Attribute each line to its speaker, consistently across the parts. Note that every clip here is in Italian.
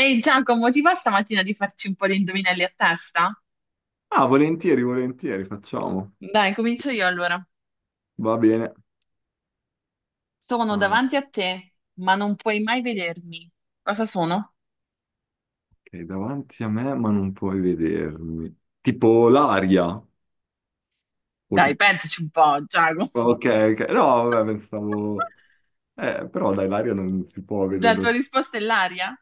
Speaker 1: Ehi Giacomo, ti va stamattina di farci un po' di indovinelli a testa?
Speaker 2: Ah, volentieri, volentieri, facciamo.
Speaker 1: Dai, comincio io allora.
Speaker 2: Va bene.
Speaker 1: Sono
Speaker 2: Ah,
Speaker 1: davanti a te, ma non puoi mai vedermi. Cosa sono?
Speaker 2: ok, davanti a me, ma non puoi vedermi. Tipo l'aria. O
Speaker 1: Dai,
Speaker 2: tipo...
Speaker 1: pensaci un po', Giacomo.
Speaker 2: Ok, ok. No, vabbè, pensavo... però dai, l'aria non si può
Speaker 1: La tua
Speaker 2: vederlo.
Speaker 1: risposta è l'aria?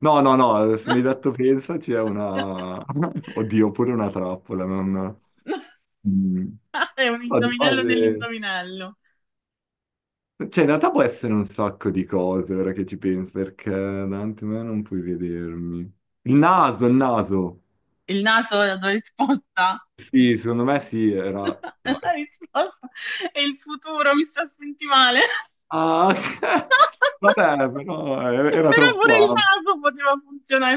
Speaker 2: No, no, no, se mi hai detto pensaci è una... Oddio, pure una trappola, non... Mm.
Speaker 1: È un
Speaker 2: No, di
Speaker 1: indovinello
Speaker 2: base...
Speaker 1: nell'indovinello.
Speaker 2: Cioè, in realtà può essere un sacco di cose, ora che ci penso, perché davanti a me non puoi vedermi. Il naso, il naso.
Speaker 1: Il naso è la tua risposta?
Speaker 2: Sì, secondo me sì, era...
Speaker 1: La
Speaker 2: Dai.
Speaker 1: risposta è il futuro, mi sta a sentire male.
Speaker 2: Ah, ok. Vabbè, però era
Speaker 1: Però
Speaker 2: troppo
Speaker 1: pure il
Speaker 2: ampio.
Speaker 1: naso poteva funzionare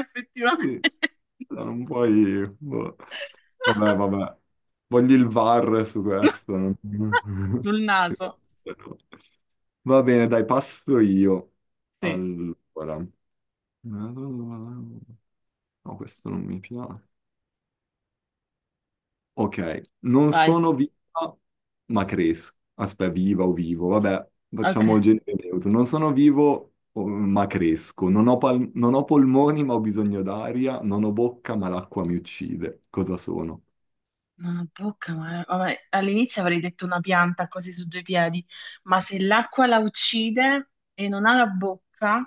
Speaker 2: Sì.
Speaker 1: effettivamente.
Speaker 2: No, non puoi... boh. Vabbè, vabbè. Voglio il VAR su questo.
Speaker 1: Sul naso.
Speaker 2: Va bene, dai, passo io.
Speaker 1: Sì,
Speaker 2: Allora. No, questo non mi piace. Ok, non
Speaker 1: vai.
Speaker 2: sono viva, ma cresco. Aspetta, viva o vivo, vabbè,
Speaker 1: Ok.
Speaker 2: facciamo genere neutro. Non sono vivo, ma cresco. Non ho polmoni, ma ho bisogno d'aria. Non ho bocca, ma l'acqua mi uccide. Cosa sono?
Speaker 1: Non ho bocca, ma vabbè, all'inizio avrei detto una pianta così su due piedi, ma se l'acqua la uccide e non ha la bocca,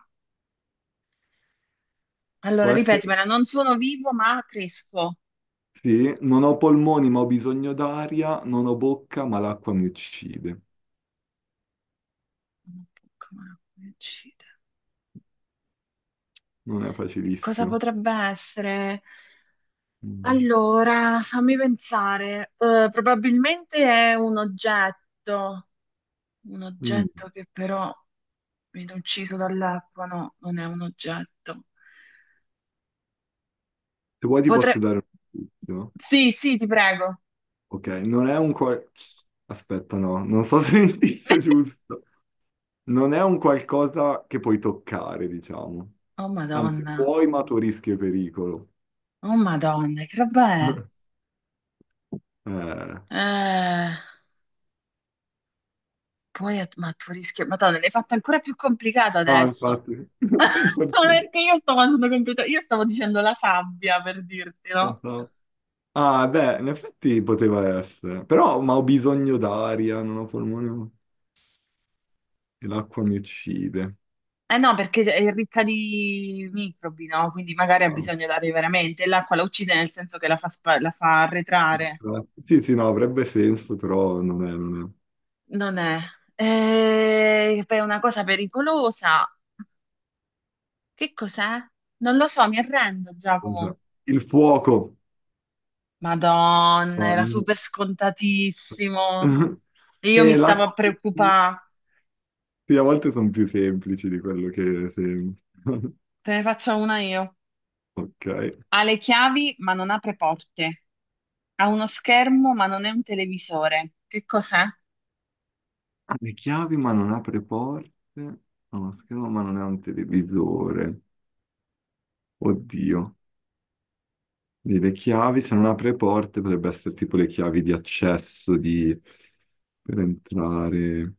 Speaker 1: allora
Speaker 2: Può essere...
Speaker 1: ripetimela, non sono vivo, ma cresco.
Speaker 2: Sì, non ho polmoni, ma ho bisogno d'aria. Non ho bocca, ma l'acqua mi uccide.
Speaker 1: Non ho bocca, ma l'acqua mi uccide.
Speaker 2: Non è
Speaker 1: E cosa
Speaker 2: facilissimo.
Speaker 1: potrebbe essere?
Speaker 2: Mm.
Speaker 1: Allora, fammi pensare. Probabilmente è un
Speaker 2: Mm.
Speaker 1: oggetto che però viene ucciso dall'acqua, no, non è un oggetto.
Speaker 2: Se vuoi ti
Speaker 1: Potrei...
Speaker 2: posso dare un indizio.
Speaker 1: Sì, sì, ti prego.
Speaker 2: Ok, non è un... Aspetta, no, non so se è l'indizio giusto. Non è un qualcosa che puoi toccare, diciamo.
Speaker 1: Oh
Speaker 2: Anzi,
Speaker 1: Madonna,
Speaker 2: puoi, ma a tuo rischio e pericolo.
Speaker 1: oh Madonna, che roba è?
Speaker 2: Eh,
Speaker 1: Eh, poi, ma tu rischio, Madonna, l'hai fatta ancora più complicata
Speaker 2: no,
Speaker 1: adesso.
Speaker 2: infatti.
Speaker 1: Ma perché io stavo andando io stavo dicendo la sabbia per dirti, no?
Speaker 2: Ah, beh, in effetti poteva essere. Però, ma ho bisogno d'aria, non ho polmone e l'acqua mi uccide.
Speaker 1: Eh no, perché è ricca di microbi, no? Quindi magari ha
Speaker 2: Ah,
Speaker 1: bisogno dell'aria veramente. E l'acqua la uccide nel senso che la fa, la fa arretrare.
Speaker 2: sì, sì, no, avrebbe senso, però non è.
Speaker 1: Non è. Poi è una cosa pericolosa. Che cos'è? Non lo so, mi arrendo,
Speaker 2: Non c'è.
Speaker 1: Giacomo.
Speaker 2: Il fuoco.
Speaker 1: Madonna,
Speaker 2: Ah,
Speaker 1: era super scontatissimo. E io mi
Speaker 2: e
Speaker 1: stavo a
Speaker 2: l'acqua.
Speaker 1: preoccupare.
Speaker 2: Sì, a volte sono più semplici di quello che sembra.
Speaker 1: Te ne faccio una io.
Speaker 2: Ok,
Speaker 1: Ha le chiavi, ma non apre porte. Ha uno schermo, ma non è un televisore. Che cos'è?
Speaker 2: ha le chiavi ma non apre porte, ha uno schermo ma non è un televisore. Oddio, quindi le chiavi se non apre porte potrebbe essere tipo le chiavi di accesso di... per entrare.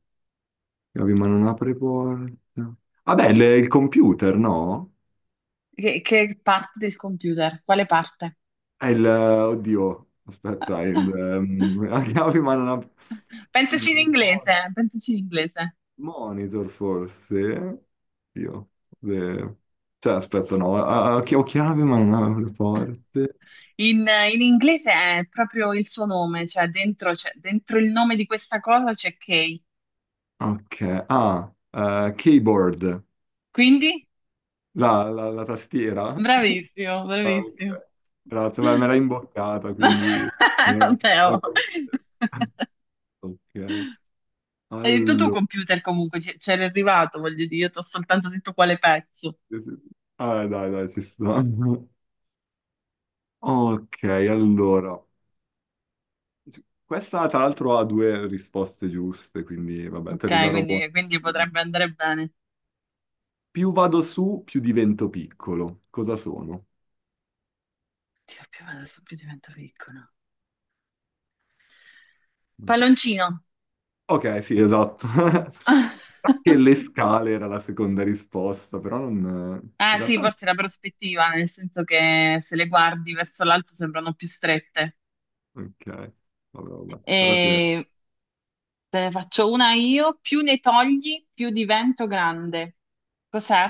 Speaker 2: Chiavi ma non apre porte. Vabbè, il computer, no?
Speaker 1: Che parte del computer? Quale parte?
Speaker 2: È il... Oddio, aspetta, è il... ehm, ha chiavi ma non apre...
Speaker 1: Pensaci in
Speaker 2: Il...
Speaker 1: inglese, pensaci in inglese.
Speaker 2: Monitor forse? Io. Eh, cioè, aspetta, no, ah, ah, ho chiavi ma non ho le porte.
Speaker 1: In, in inglese è proprio il suo nome, cioè dentro, dentro il nome di questa cosa c'è Kay.
Speaker 2: Ok, ah, keyboard,
Speaker 1: Quindi?
Speaker 2: la tastiera.
Speaker 1: Bravissimo,
Speaker 2: Ah, ok.
Speaker 1: bravissimo.
Speaker 2: Grazie, beh, me l'hai imboccata, quindi... Però-
Speaker 1: Vabbè, oh.
Speaker 2: Ok,
Speaker 1: Hai detto tu
Speaker 2: allora...
Speaker 1: computer comunque, c'era arrivato, voglio dire, io ti ho soltanto detto quale pezzo.
Speaker 2: Ah, dai, dai, ci sta. Ok, allora... Questa tra l'altro ha due risposte giuste, quindi vabbè, per
Speaker 1: Ok,
Speaker 2: da robot.
Speaker 1: quindi potrebbe andare bene.
Speaker 2: Più vado su, più divento piccolo. Cosa sono?
Speaker 1: Dio, più adesso più divento piccolo. Palloncino.
Speaker 2: Ok, sì, esatto. Anche le scale era la seconda risposta, però non... In
Speaker 1: Ah sì,
Speaker 2: realtà... non-
Speaker 1: forse la prospettiva, nel senso che se le guardi verso l'alto sembrano più strette.
Speaker 2: Ok, vabbè, vabbè. Però sì,
Speaker 1: E te ne faccio una io, più ne togli, più divento grande. Cos'è?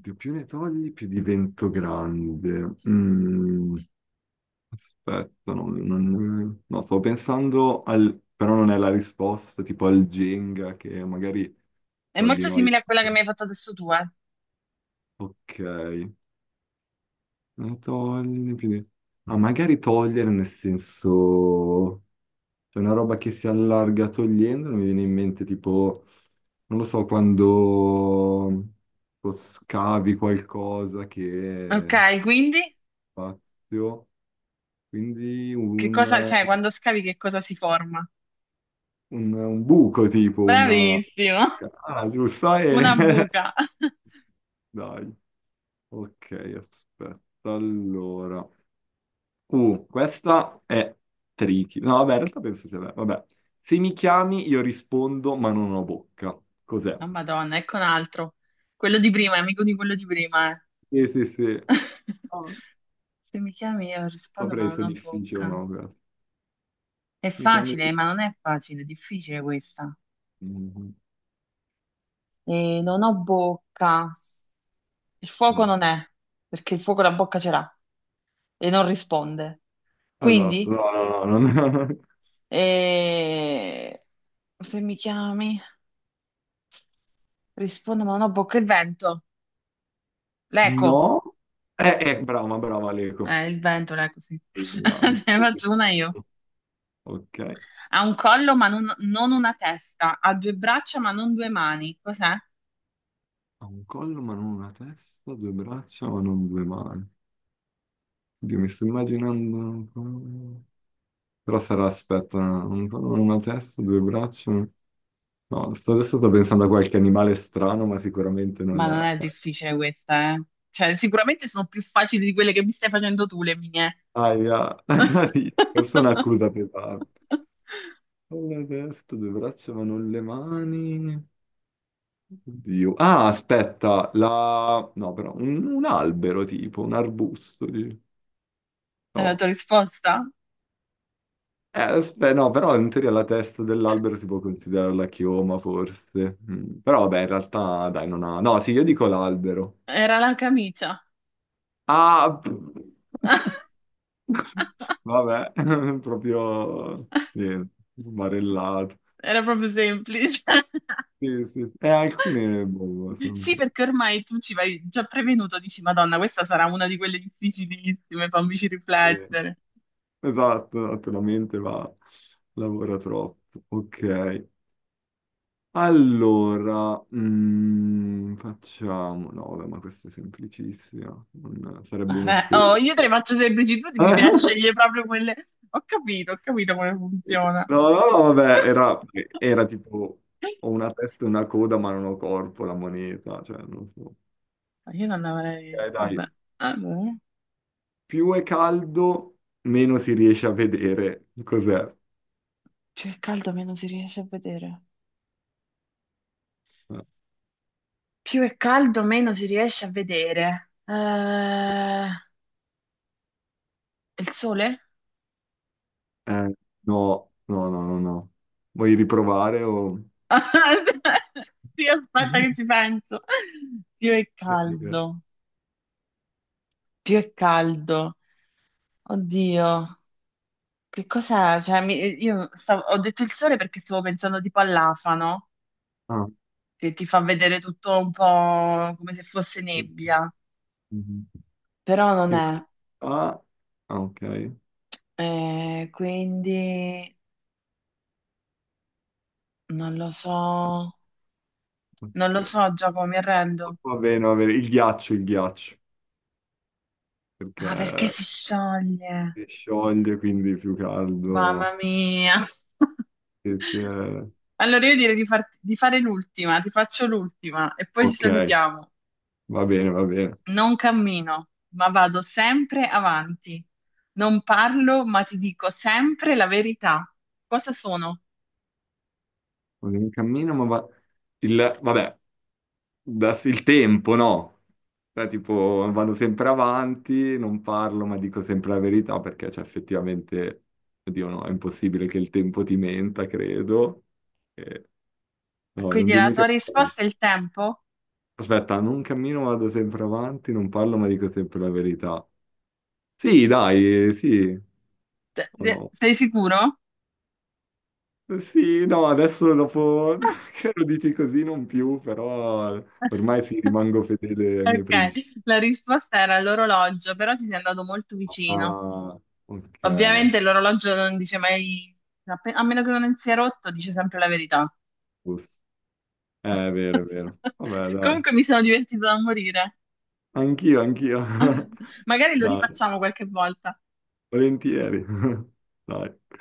Speaker 2: più ne togli, più divento grande. Mm. Aspetta, no, stavo pensando al... però non è la risposta, tipo al Jenga che magari
Speaker 1: È
Speaker 2: togli
Speaker 1: molto
Speaker 2: noi.
Speaker 1: simile a quella che mi hai fatto adesso tu, eh.
Speaker 2: Ok, eh, togli più di- ah, magari togliere nel senso... C'è una roba che si allarga togliendo, non mi viene in mente tipo, non lo so, quando tipo, scavi qualcosa
Speaker 1: Ok,
Speaker 2: che c'è
Speaker 1: quindi
Speaker 2: spazio, quindi
Speaker 1: che
Speaker 2: un
Speaker 1: cosa, cioè quando scavi che cosa si forma?
Speaker 2: un buco tipo, una...
Speaker 1: Bravissimo,
Speaker 2: Ah, giusto,
Speaker 1: una
Speaker 2: e...
Speaker 1: buca.
Speaker 2: Dai, ok, aspetta, allora... questa è tricky. No, vabbè, in realtà penso sia bella. Vabbè, se mi chiami io rispondo, ma non ho bocca. Cos'è?
Speaker 1: Oh, Madonna, ecco un altro. Quello di prima, è amico di quello di prima, eh.
Speaker 2: Sì, sì, sì. No,
Speaker 1: Se mi chiami io rispondo ma
Speaker 2: saprei
Speaker 1: non
Speaker 2: se è
Speaker 1: ho
Speaker 2: difficile o
Speaker 1: bocca.
Speaker 2: no. Questa.
Speaker 1: È
Speaker 2: Mi chiami e
Speaker 1: facile, ma non è facile, è difficile questa.
Speaker 2: rispondo.
Speaker 1: E non ho bocca. Il fuoco non è, perché il fuoco la bocca ce l'ha e non risponde.
Speaker 2: Esatto,
Speaker 1: Quindi,
Speaker 2: no, no, no, no.
Speaker 1: eh, se mi chiami, rispondo ma non ho bocca. Il vento. L'eco,
Speaker 2: No, no. Eh, brava, brava Leco.
Speaker 1: il vento, l'eco, sì. Ne faccio una io.
Speaker 2: Ok.
Speaker 1: Ha un collo ma non una testa, ha due braccia ma non due mani. Cos'è?
Speaker 2: Ha un collo ma non una testa, due braccia ma non due mani. Oddio, mi sto immaginando... un collo. Però sarà, aspetta, un collo, una testa, due braccia... No, sto adesso sto pensando a qualche animale strano, ma sicuramente non
Speaker 1: Ma non
Speaker 2: è...
Speaker 1: è difficile questa, eh. Cioè, sicuramente sono più facili di quelle che mi stai facendo tu, le mie.
Speaker 2: Aia, questa è un'accusa pesante. Una testa, due braccia ma non le mani... Oddio. Ah, aspetta, la... No, però un albero tipo, un arbusto. Dici.
Speaker 1: È la
Speaker 2: No,
Speaker 1: tua risposta?
Speaker 2: eh, beh, no, però in teoria la testa dell'albero si può considerare la chioma, forse. Mm, però vabbè, in realtà, dai, non ha... No, sì, io dico l'albero.
Speaker 1: Era la camicia.
Speaker 2: Ah! Vabbè, proprio... Niente, barellato.
Speaker 1: Era proprio semplice.
Speaker 2: Sì, sì, sì. E alcune, boh, sono
Speaker 1: Sì,
Speaker 2: troppo.
Speaker 1: perché ormai tu ci vai già prevenuto, dici, Madonna, questa sarà una di quelle difficilissime, fammici
Speaker 2: Sì.
Speaker 1: riflettere.
Speaker 2: Esatto, esatto, la mente va... lavora troppo. Ok. Allora, mm, facciamo... No, vabbè, ma questa è semplicissima, non- sarebbe
Speaker 1: Eh, oh,
Speaker 2: un'offesa.
Speaker 1: io te le faccio semplici, tu mi piace scegliere proprio quelle. Ho capito come funziona.
Speaker 2: No, no, no, vabbè, era, era tipo ho una testa e una coda, ma non ho corpo, la moneta, cioè non so.
Speaker 1: Ma io non avrei.
Speaker 2: Ok, dai,
Speaker 1: Vabbè. Allora,
Speaker 2: più è caldo, meno si riesce a vedere cos'è.
Speaker 1: più è caldo, meno si riesce a vedere. Più è caldo, meno si riesce a vedere. Il sole?
Speaker 2: Eh, no, no, no, no, no. Vuoi riprovare o...
Speaker 1: Sì, aspetta che ci penso. Più è
Speaker 2: Ok, ok.
Speaker 1: caldo, più è caldo. Oddio, che cos'è? Cioè, ho detto il sole perché stavo pensando tipo all'afano
Speaker 2: Ah.
Speaker 1: che ti fa vedere tutto un po' come se fosse nebbia, però non
Speaker 2: In
Speaker 1: è.
Speaker 2: realtà... Ah, ok.
Speaker 1: Quindi non lo so, non lo
Speaker 2: Ok.
Speaker 1: so Giacomo, mi arrendo.
Speaker 2: Va bene, va bene. Il ghiaccio, perché
Speaker 1: Ah, perché si scioglie?
Speaker 2: si scioglie, quindi più
Speaker 1: Mamma
Speaker 2: caldo.
Speaker 1: mia.
Speaker 2: E se-
Speaker 1: Allora io direi di, di fare l'ultima, ti faccio l'ultima e poi ci
Speaker 2: Ok,
Speaker 1: salutiamo.
Speaker 2: va bene, va bene.
Speaker 1: Non cammino, ma vado sempre avanti. Non parlo, ma ti dico sempre la verità. Cosa sono?
Speaker 2: Un cammino, ma va... Il... Vabbè, il tempo, no? Cioè, tipo, vado sempre avanti, non parlo, ma dico sempre la verità, perché c'è effettivamente... Oddio, no, è impossibile che il tempo ti menta, credo. E- No, non
Speaker 1: Quindi la
Speaker 2: dirmi
Speaker 1: tua
Speaker 2: che...
Speaker 1: risposta è il tempo?
Speaker 2: Aspetta, non cammino, vado sempre avanti, non parlo, ma dico sempre la verità. Sì, dai, sì, o no?
Speaker 1: Sei sicuro?
Speaker 2: Sì, no, adesso dopo che lo dici così non più, però ormai sì, rimango fedele ai miei
Speaker 1: Ok,
Speaker 2: principi.
Speaker 1: la risposta era l'orologio, però ti sei andato molto vicino.
Speaker 2: Ah, ok,
Speaker 1: Ovviamente l'orologio non dice mai, a meno che non sia rotto, dice sempre la verità.
Speaker 2: giusto. È vero, è vero. Vabbè, dai.
Speaker 1: Comunque mi sono divertita da morire.
Speaker 2: Anch'io, anch'io.
Speaker 1: Magari lo
Speaker 2: Dai,
Speaker 1: rifacciamo qualche volta.
Speaker 2: volentieri. Dai.